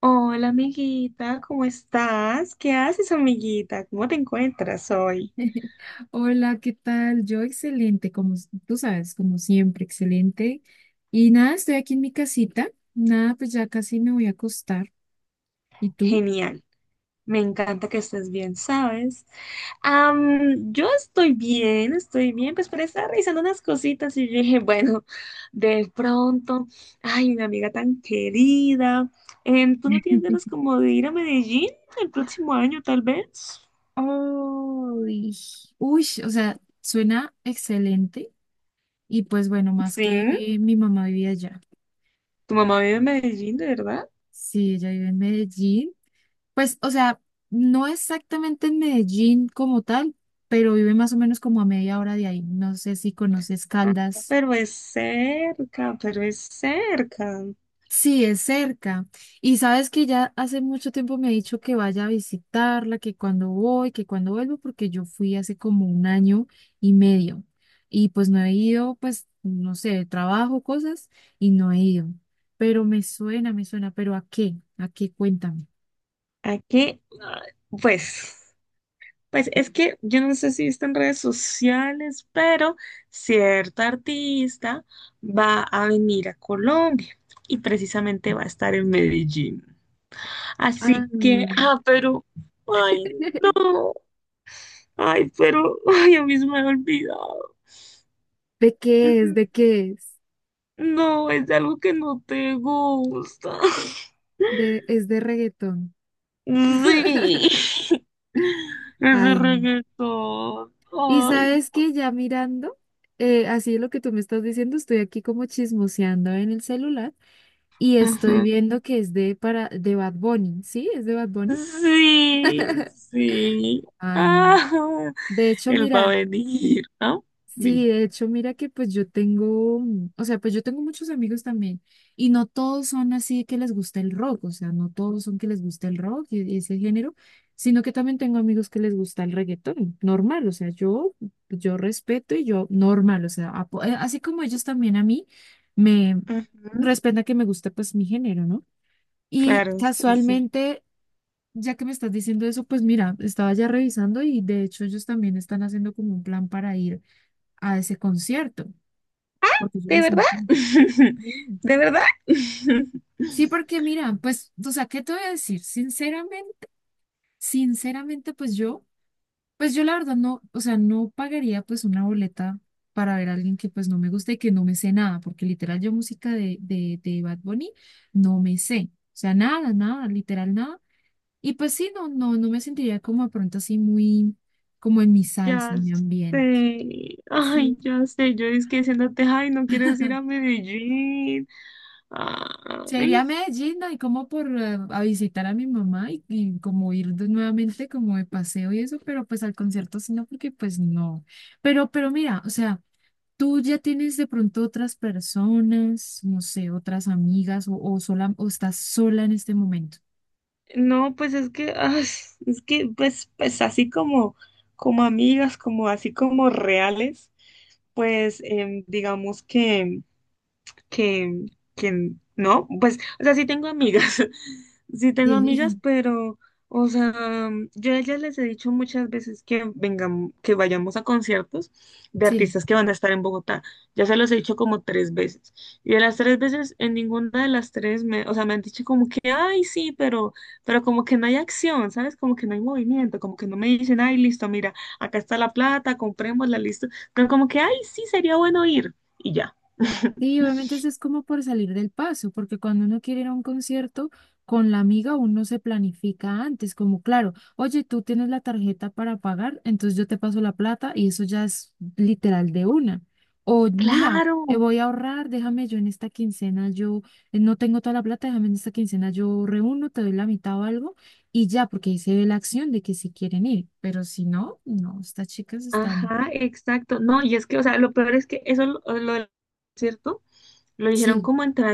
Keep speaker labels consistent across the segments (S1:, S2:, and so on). S1: Hola, amiguita, ¿cómo estás? ¿Qué haces, amiguita? ¿Cómo te encuentras hoy?
S2: Hola, ¿qué tal? Yo excelente, como tú sabes, como siempre, excelente. Y nada, estoy aquí en mi casita. Nada, pues ya casi me voy a acostar. ¿Y tú?
S1: Genial, me encanta que estés bien, ¿sabes? Yo estoy bien, pues pero estaba revisando unas cositas y yo dije, bueno, de pronto, ay, una amiga tan querida, ¿tú no tienes ganas como de ir a Medellín el próximo año, tal vez?
S2: Uy, uy, o sea, suena excelente. Y pues bueno, más
S1: Sí,
S2: que mi mamá vivía allá.
S1: tu mamá
S2: Eh,
S1: vive en Medellín, ¿de verdad?
S2: Sí, ella vive en Medellín. Pues, o sea, no exactamente en Medellín como tal, pero vive más o menos como a media hora de ahí. No sé si conoces
S1: Ah,
S2: Caldas.
S1: pero es cerca, pero es cerca.
S2: Sí, es cerca. Y sabes que ya hace mucho tiempo me ha dicho que vaya a visitarla, que cuando voy, que cuando vuelvo, porque yo fui hace como un año y medio. Y pues no he ido, pues, no sé, trabajo, cosas, y no he ido. Pero me suena, pero ¿a qué? ¿A qué? Cuéntame.
S1: Aquí, pues, pues es que yo no sé si está en redes sociales, pero cierta artista va a venir a Colombia y precisamente va a estar en Medellín.
S2: Ah,
S1: Así que, pero, ay, no, ay, pero, ay, a mí se me había olvidado.
S2: ¿de qué es?
S1: Mm,
S2: ¿De qué es?
S1: no, es algo que no te gusta.
S2: Es de reggaetón.
S1: Sí, ese
S2: Ay, no.
S1: reggaetón.
S2: Y
S1: Ay,
S2: sabes que ya mirando, así lo que tú me estás diciendo, estoy aquí como chismoseando en el celular y estoy
S1: no.
S2: viendo que es de Bad Bunny, ¿sí? ¿Es de Bad Bunny?
S1: Sí, sí.
S2: Ay, no.
S1: Ah,
S2: De hecho,
S1: él va a
S2: mira.
S1: venir, ¿no? Dime.
S2: Sí, de hecho, mira que pues yo tengo, o sea, pues yo tengo muchos amigos también y no todos son así que les gusta el rock, o sea, no todos son que les gusta el rock y ese género, sino que también tengo amigos que les gusta el reggaetón, normal, o sea, yo respeto y yo normal, o sea, así como ellos también a mí me
S1: Ujú.
S2: respetan que me gusta pues mi género, ¿no? Y
S1: Claro, sí, sí.
S2: casualmente, ya que me estás diciendo eso, pues mira, estaba ya revisando y de hecho ellos también están haciendo como un plan para ir a ese concierto, porque yo
S1: ¿De
S2: les
S1: verdad?
S2: encanta. Sí,
S1: ¿De verdad?
S2: sí, porque mira, pues, o sea, ¿qué te voy a decir? Sinceramente, pues yo la verdad no, o sea, no pagaría pues una boleta para ver a alguien que pues no me gusta y que no me sé nada, porque literal yo música de Bad Bunny no me sé, o sea, nada, nada, literal nada. Y pues sí, no me sentiría como de pronto así muy, como en mi salsa,
S1: Ya
S2: en mi ambiente.
S1: sé.
S2: Sí.
S1: Ay, ya sé. Yo es que diciéndote, ay, no quieres ir a Medellín.
S2: Se iría
S1: Ay,
S2: a Medellín, ¿no? Y como por a visitar a mi mamá y como ir nuevamente como de paseo y eso, pero pues al concierto sí no, porque pues no. Pero mira, o sea, tú ya tienes de pronto otras personas, no sé, otras amigas o sola o estás sola en este momento.
S1: no, pues es que, ay, es que, pues así como, como amigas, como así como reales, pues, digamos que, que no, pues, o sea, sí tengo amigas, sí tengo amigas,
S2: Sí,
S1: pero, o sea, yo a ellas les he dicho muchas veces que vengan, que vayamos a conciertos de
S2: sí.
S1: artistas que van a estar en Bogotá. Ya se los he dicho como 3 veces. Y de las 3 veces, en ninguna de las 3, me, o sea, me han dicho como que, ay, sí, pero como que no hay acción, ¿sabes? Como que no hay movimiento, como que no me dicen, ay, listo, mira, acá está la plata, comprémosla, listo. Pero como que, ay, sí, sería bueno ir. Y ya.
S2: Sí, obviamente eso es como por salir del paso, porque cuando uno quiere ir a un concierto con la amiga, uno se planifica antes, como claro, oye, tú tienes la tarjeta para pagar, entonces yo te paso la plata y eso ya es literal de una. O mira,
S1: Claro,
S2: voy a ahorrar, déjame yo en esta quincena, yo no tengo toda la plata, déjame en esta quincena, yo reúno, te doy la mitad o algo y ya, porque ahí se ve la acción de que si quieren ir, pero si no, no, estas chicas están,
S1: ajá, exacto. No, y es que, o sea, lo peor es que eso, lo del concierto, lo dijeron
S2: sí,
S1: como entre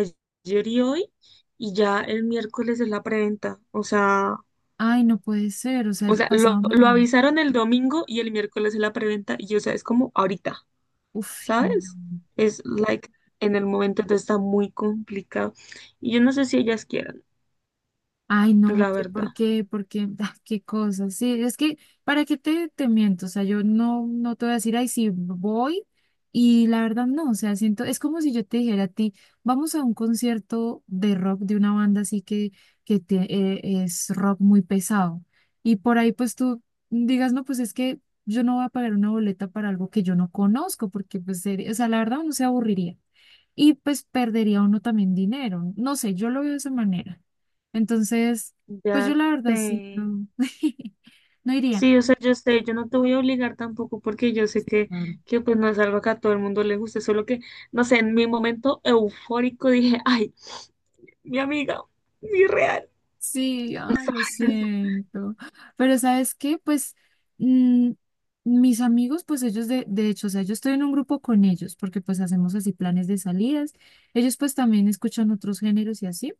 S1: ayer y hoy, y ya el miércoles es la preventa. O sea,
S2: ay, no puede ser, o sea,
S1: o sea, lo,
S2: pasado
S1: lo
S2: mañana.
S1: avisaron el domingo y el miércoles es la preventa, y o sea, es como ahorita,
S2: Uf, sí,
S1: ¿sabes?
S2: no.
S1: Es like en el momento, entonces está muy complicado. Y yo no sé si ellas quieran,
S2: Ay, no,
S1: la
S2: oye, ¿por
S1: verdad.
S2: qué? ¿Por qué? Ah, qué cosas. Sí, es que, ¿para qué te miento? O sea, yo no te voy a decir, ay, sí, voy. Y la verdad, no, o sea, siento, es como si yo te dijera a ti, vamos a un concierto de rock de una banda así que es rock muy pesado. Y por ahí, pues tú digas, no, pues es que yo no voy a pagar una boleta para algo que yo no conozco, porque, pues, o sea, la verdad, uno se aburriría. Y pues perdería uno también dinero. No sé, yo lo veo de esa manera. Entonces, pues yo
S1: Ya
S2: la verdad
S1: sé.
S2: sí, no, no iría.
S1: Sí, o sea, yo sé, yo no te voy a obligar tampoco porque yo sé que,
S2: Claro.
S1: pues no es algo que a todo el mundo le guste, solo que, no sé, en mi momento eufórico dije, ay, mi amiga, mi real.
S2: Sí, ay, lo siento. Pero ¿sabes qué? Pues mm, mis amigos, pues ellos de hecho, o sea, yo estoy en un grupo con ellos porque pues hacemos así planes de salidas. Ellos pues también escuchan otros géneros y así,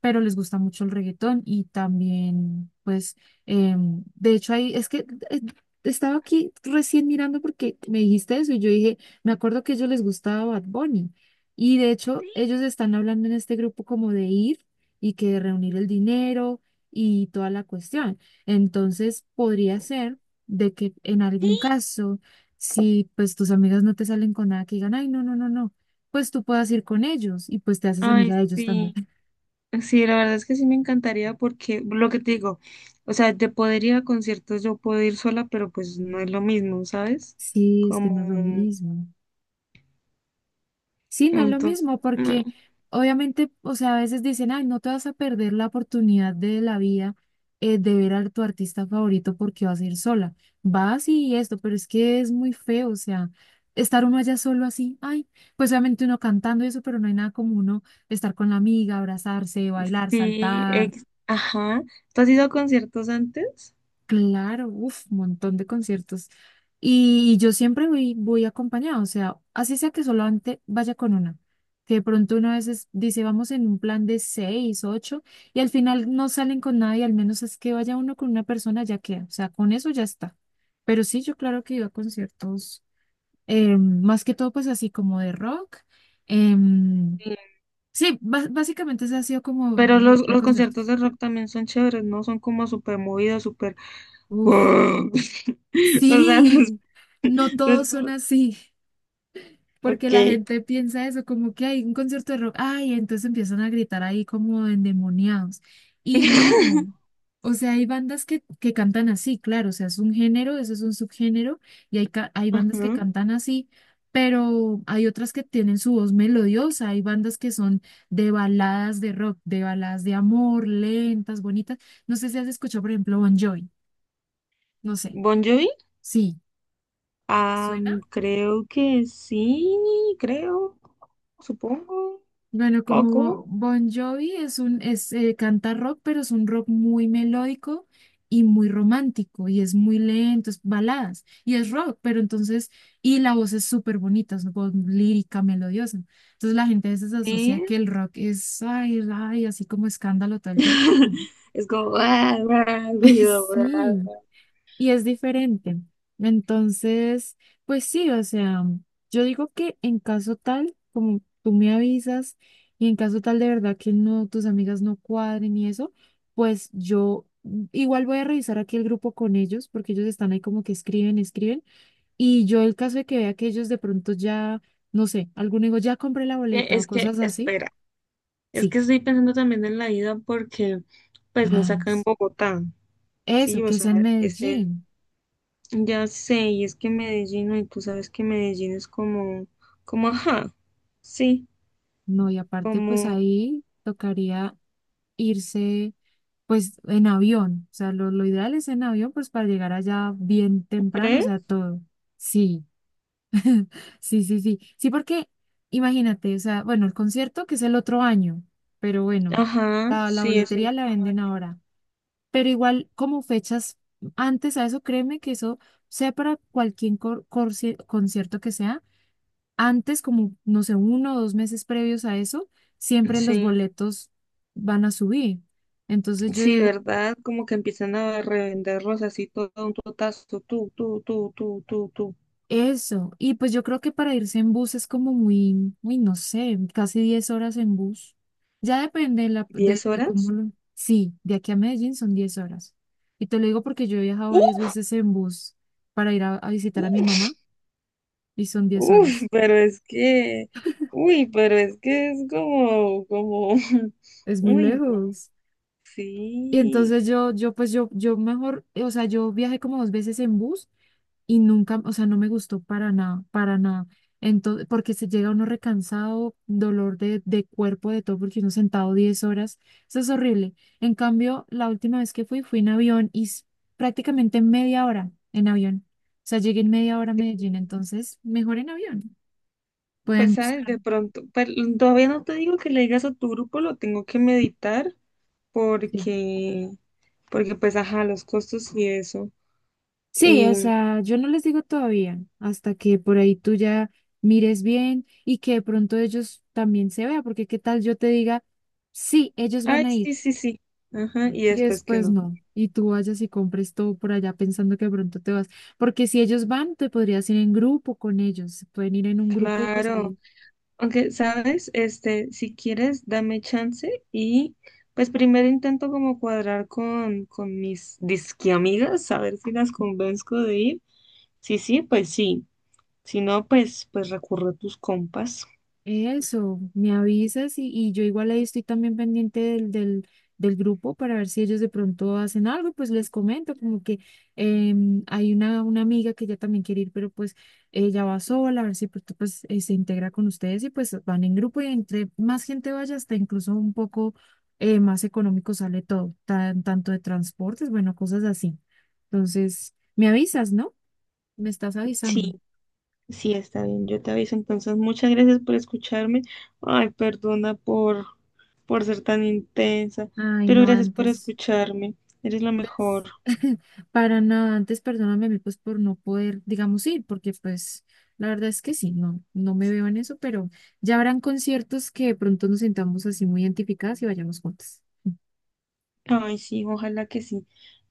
S2: pero les gusta mucho el reggaetón y también pues, de hecho ahí, es que eh, estaba aquí recién mirando porque me dijiste eso y yo dije, me acuerdo que a ellos les gustaba Bad Bunny. Y de hecho,
S1: Sí,
S2: ellos están hablando en este grupo como de ir y que reunir el dinero y toda la cuestión. Entonces, podría ser de que en algún
S1: sí.
S2: caso, si pues tus amigas no te salen con nada que digan, ay, no, no, no, no, pues tú puedas ir con ellos y pues te haces
S1: Ay,
S2: amiga de ellos también.
S1: sí, sí, la verdad es que sí me encantaría porque lo que te digo, o sea, de poder ir a conciertos yo puedo ir sola, pero pues no es lo mismo, ¿sabes?
S2: Sí, es que
S1: Como,
S2: no es lo mismo. Sí, no es lo
S1: entonces,
S2: mismo,
S1: no,
S2: porque obviamente, o sea, a veces dicen, ay, no te vas a perder la oportunidad de la vida de ver a tu artista favorito porque vas a ir sola. Vas y esto, pero es que es muy feo, o sea, estar uno allá solo así, ay, pues obviamente uno cantando y eso, pero no hay nada como uno estar con la amiga, abrazarse, bailar,
S1: sí,
S2: saltar,
S1: ajá. ¿Tú has ido a conciertos antes?
S2: claro, uf, un montón de conciertos. Y yo siempre voy acompañada, o sea, así sea que solamente vaya con una. Que de pronto uno a veces dice, vamos en un plan de seis, ocho, y al final no salen con nadie, al menos es que vaya uno con una persona, ya queda. O sea, con eso ya está. Pero sí, yo claro que iba a conciertos, más que todo, pues así como de rock. em, sí, básicamente ese ha sido como
S1: Pero
S2: mi
S1: los,
S2: vida de
S1: los conciertos
S2: conciertos.
S1: de rock también son chéveres, ¿no? Son como súper movidos, súper. O
S2: Uf,
S1: sea, no es-
S2: sí. No
S1: no es
S2: todos son
S1: por-
S2: así. Porque la
S1: Ok.
S2: gente piensa eso, como que hay un concierto de rock, ay, entonces empiezan a gritar ahí como endemoniados. Y no, o sea, hay bandas que cantan así, claro, o sea, es un género, eso es un subgénero, y hay bandas que
S1: Ajá.
S2: cantan así, pero hay otras que tienen su voz melodiosa, hay bandas que son de baladas de rock, de baladas de amor, lentas, bonitas. No sé si has escuchado, por ejemplo, Bon Jovi, no sé,
S1: Bon Jovi.
S2: sí, ¿te suena?
S1: Creo que sí, creo, supongo,
S2: Bueno, como
S1: poco.
S2: Bon Jovi canta rock, pero es un rock muy melódico y muy romántico, y es muy lento, es baladas, y es rock, pero entonces, y la voz es súper bonita, es una voz lírica, melodiosa. Entonces la gente a veces asocia
S1: Sí.
S2: que el rock es, ay, ay, así como escándalo todo el tiempo, y no,
S1: Es como ruido.
S2: sí
S1: ah.
S2: y es diferente. Entonces, pues sí, o sea, yo digo que en caso tal, como tú me avisas, y en caso tal de verdad que no, tus amigas no cuadren y eso, pues yo igual voy a revisar aquí el grupo con ellos, porque ellos están ahí como que escriben, escriben, y yo el caso de que vea que ellos de pronto ya, no sé, alguno digo, ya compré la boleta o
S1: Es que,
S2: cosas así,
S1: espera, es
S2: sí.
S1: que estoy pensando también en la ida porque, pues, no
S2: Ah,
S1: saca en Bogotá,
S2: eso,
S1: ¿sí? O
S2: que
S1: sea,
S2: sea en
S1: es en.
S2: Medellín.
S1: Ya sé, y es que Medellín, y tú sabes que Medellín es como, ajá, sí,
S2: No, y aparte, pues
S1: como,
S2: ahí tocaría irse, pues en avión. O sea, lo ideal es en avión, pues para llegar allá bien
S1: ¿tú
S2: temprano, o
S1: crees?
S2: sea, todo. Sí, sí, sí, sí. Sí, porque imagínate, o sea, bueno, el concierto que es el otro año, pero bueno,
S1: Ajá,
S2: la
S1: sí, es
S2: boletería la venden ahora. Pero igual, como fechas antes a eso, créeme que eso sea para cualquier concierto que sea antes, como, no sé, uno o dos meses previos a eso, siempre los
S1: sí,
S2: boletos van a subir. Entonces yo
S1: sí,
S2: digo,
S1: ¿verdad? Como que empiezan a revenderlos así todo a un totazo, tú,
S2: eso. Y pues yo creo que para irse en bus es como muy, muy, no sé, casi 10 horas en bus. Ya depende de, la, de,
S1: ¿diez
S2: de cómo
S1: horas?
S2: lo... Sí, de aquí a Medellín son 10 horas. Y te lo digo porque yo he viajado varias
S1: ¡Uf!
S2: veces en bus para ir a visitar a mi mamá
S1: ¡Uf!
S2: y son 10
S1: ¡Uf!
S2: horas.
S1: Pero es que, uy, pero es que es como,
S2: Es muy
S1: uy, no,
S2: lejos. Y
S1: sí.
S2: entonces yo mejor, o sea, yo viajé como dos veces en bus y nunca, o sea, no me gustó para nada, para nada. Entonces, porque se llega uno recansado, dolor de cuerpo, de todo, porque uno sentado 10 horas, eso es horrible. En cambio, la última vez que fui, fui en avión y prácticamente media hora en avión. O sea, llegué en media hora a Medellín, entonces mejor en avión.
S1: Pues,
S2: Pueden
S1: ¿sabes?
S2: buscar.
S1: De pronto, pero todavía no te digo que le digas a tu grupo, lo tengo que meditar
S2: Sí,
S1: porque, pues, ajá, los costos y eso.
S2: sí, o
S1: Y,
S2: sea, yo no les digo todavía, hasta que por ahí tú ya mires bien y que de pronto ellos también se vean, porque qué tal yo te diga, sí, ellos van
S1: ay,
S2: a ir.
S1: sí, sí, sí, ajá, y
S2: Y
S1: después que
S2: después
S1: no.
S2: no. Y tú vayas y compres todo por allá pensando que de pronto te vas. Porque si ellos van, te podrías ir en grupo con ellos. Pueden ir en un grupo y pues
S1: Claro,
S2: ahí.
S1: aunque, ¿sabes? Este, si quieres, dame chance y, pues, primero intento como cuadrar con, mis disque amigas, a ver si las convenzco de ir. Sí, sí, pues sí. Si no, pues, recurro a tus compas.
S2: Eso, me avisas y yo igual ahí estoy también pendiente del grupo para ver si ellos de pronto hacen algo, pues les comento como que hay una amiga que ella también quiere ir, pero pues ella va sola, a ver si pronto, pues se integra con ustedes y pues van en grupo y entre más gente vaya, hasta incluso un poco más económico sale todo, tanto de transportes, bueno, cosas así. Entonces, me avisas, ¿no? Me estás avisando.
S1: Sí. Sí, está bien, yo te aviso. Entonces, muchas gracias por escucharme. Ay, perdona por, ser tan intensa,
S2: Ay,
S1: pero
S2: no,
S1: gracias por
S2: antes.
S1: escucharme. Eres la mejor.
S2: Antes, para nada, antes perdóname a mí pues por no poder, digamos, ir, porque pues la verdad es que sí, no me veo en eso, pero ya habrán conciertos que de pronto nos sentamos así muy identificadas y vayamos juntas.
S1: Ay, sí, ojalá que sí,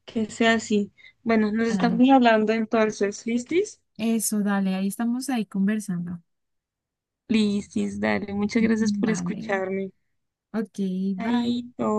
S1: que sea así. Bueno, nos
S2: Dale.
S1: estamos hablando entonces, ¿listis?
S2: Eso, dale, ahí estamos ahí conversando.
S1: Listis, dale, muchas gracias por
S2: Vale.
S1: escucharme.
S2: Ok, bye.
S1: Chaito.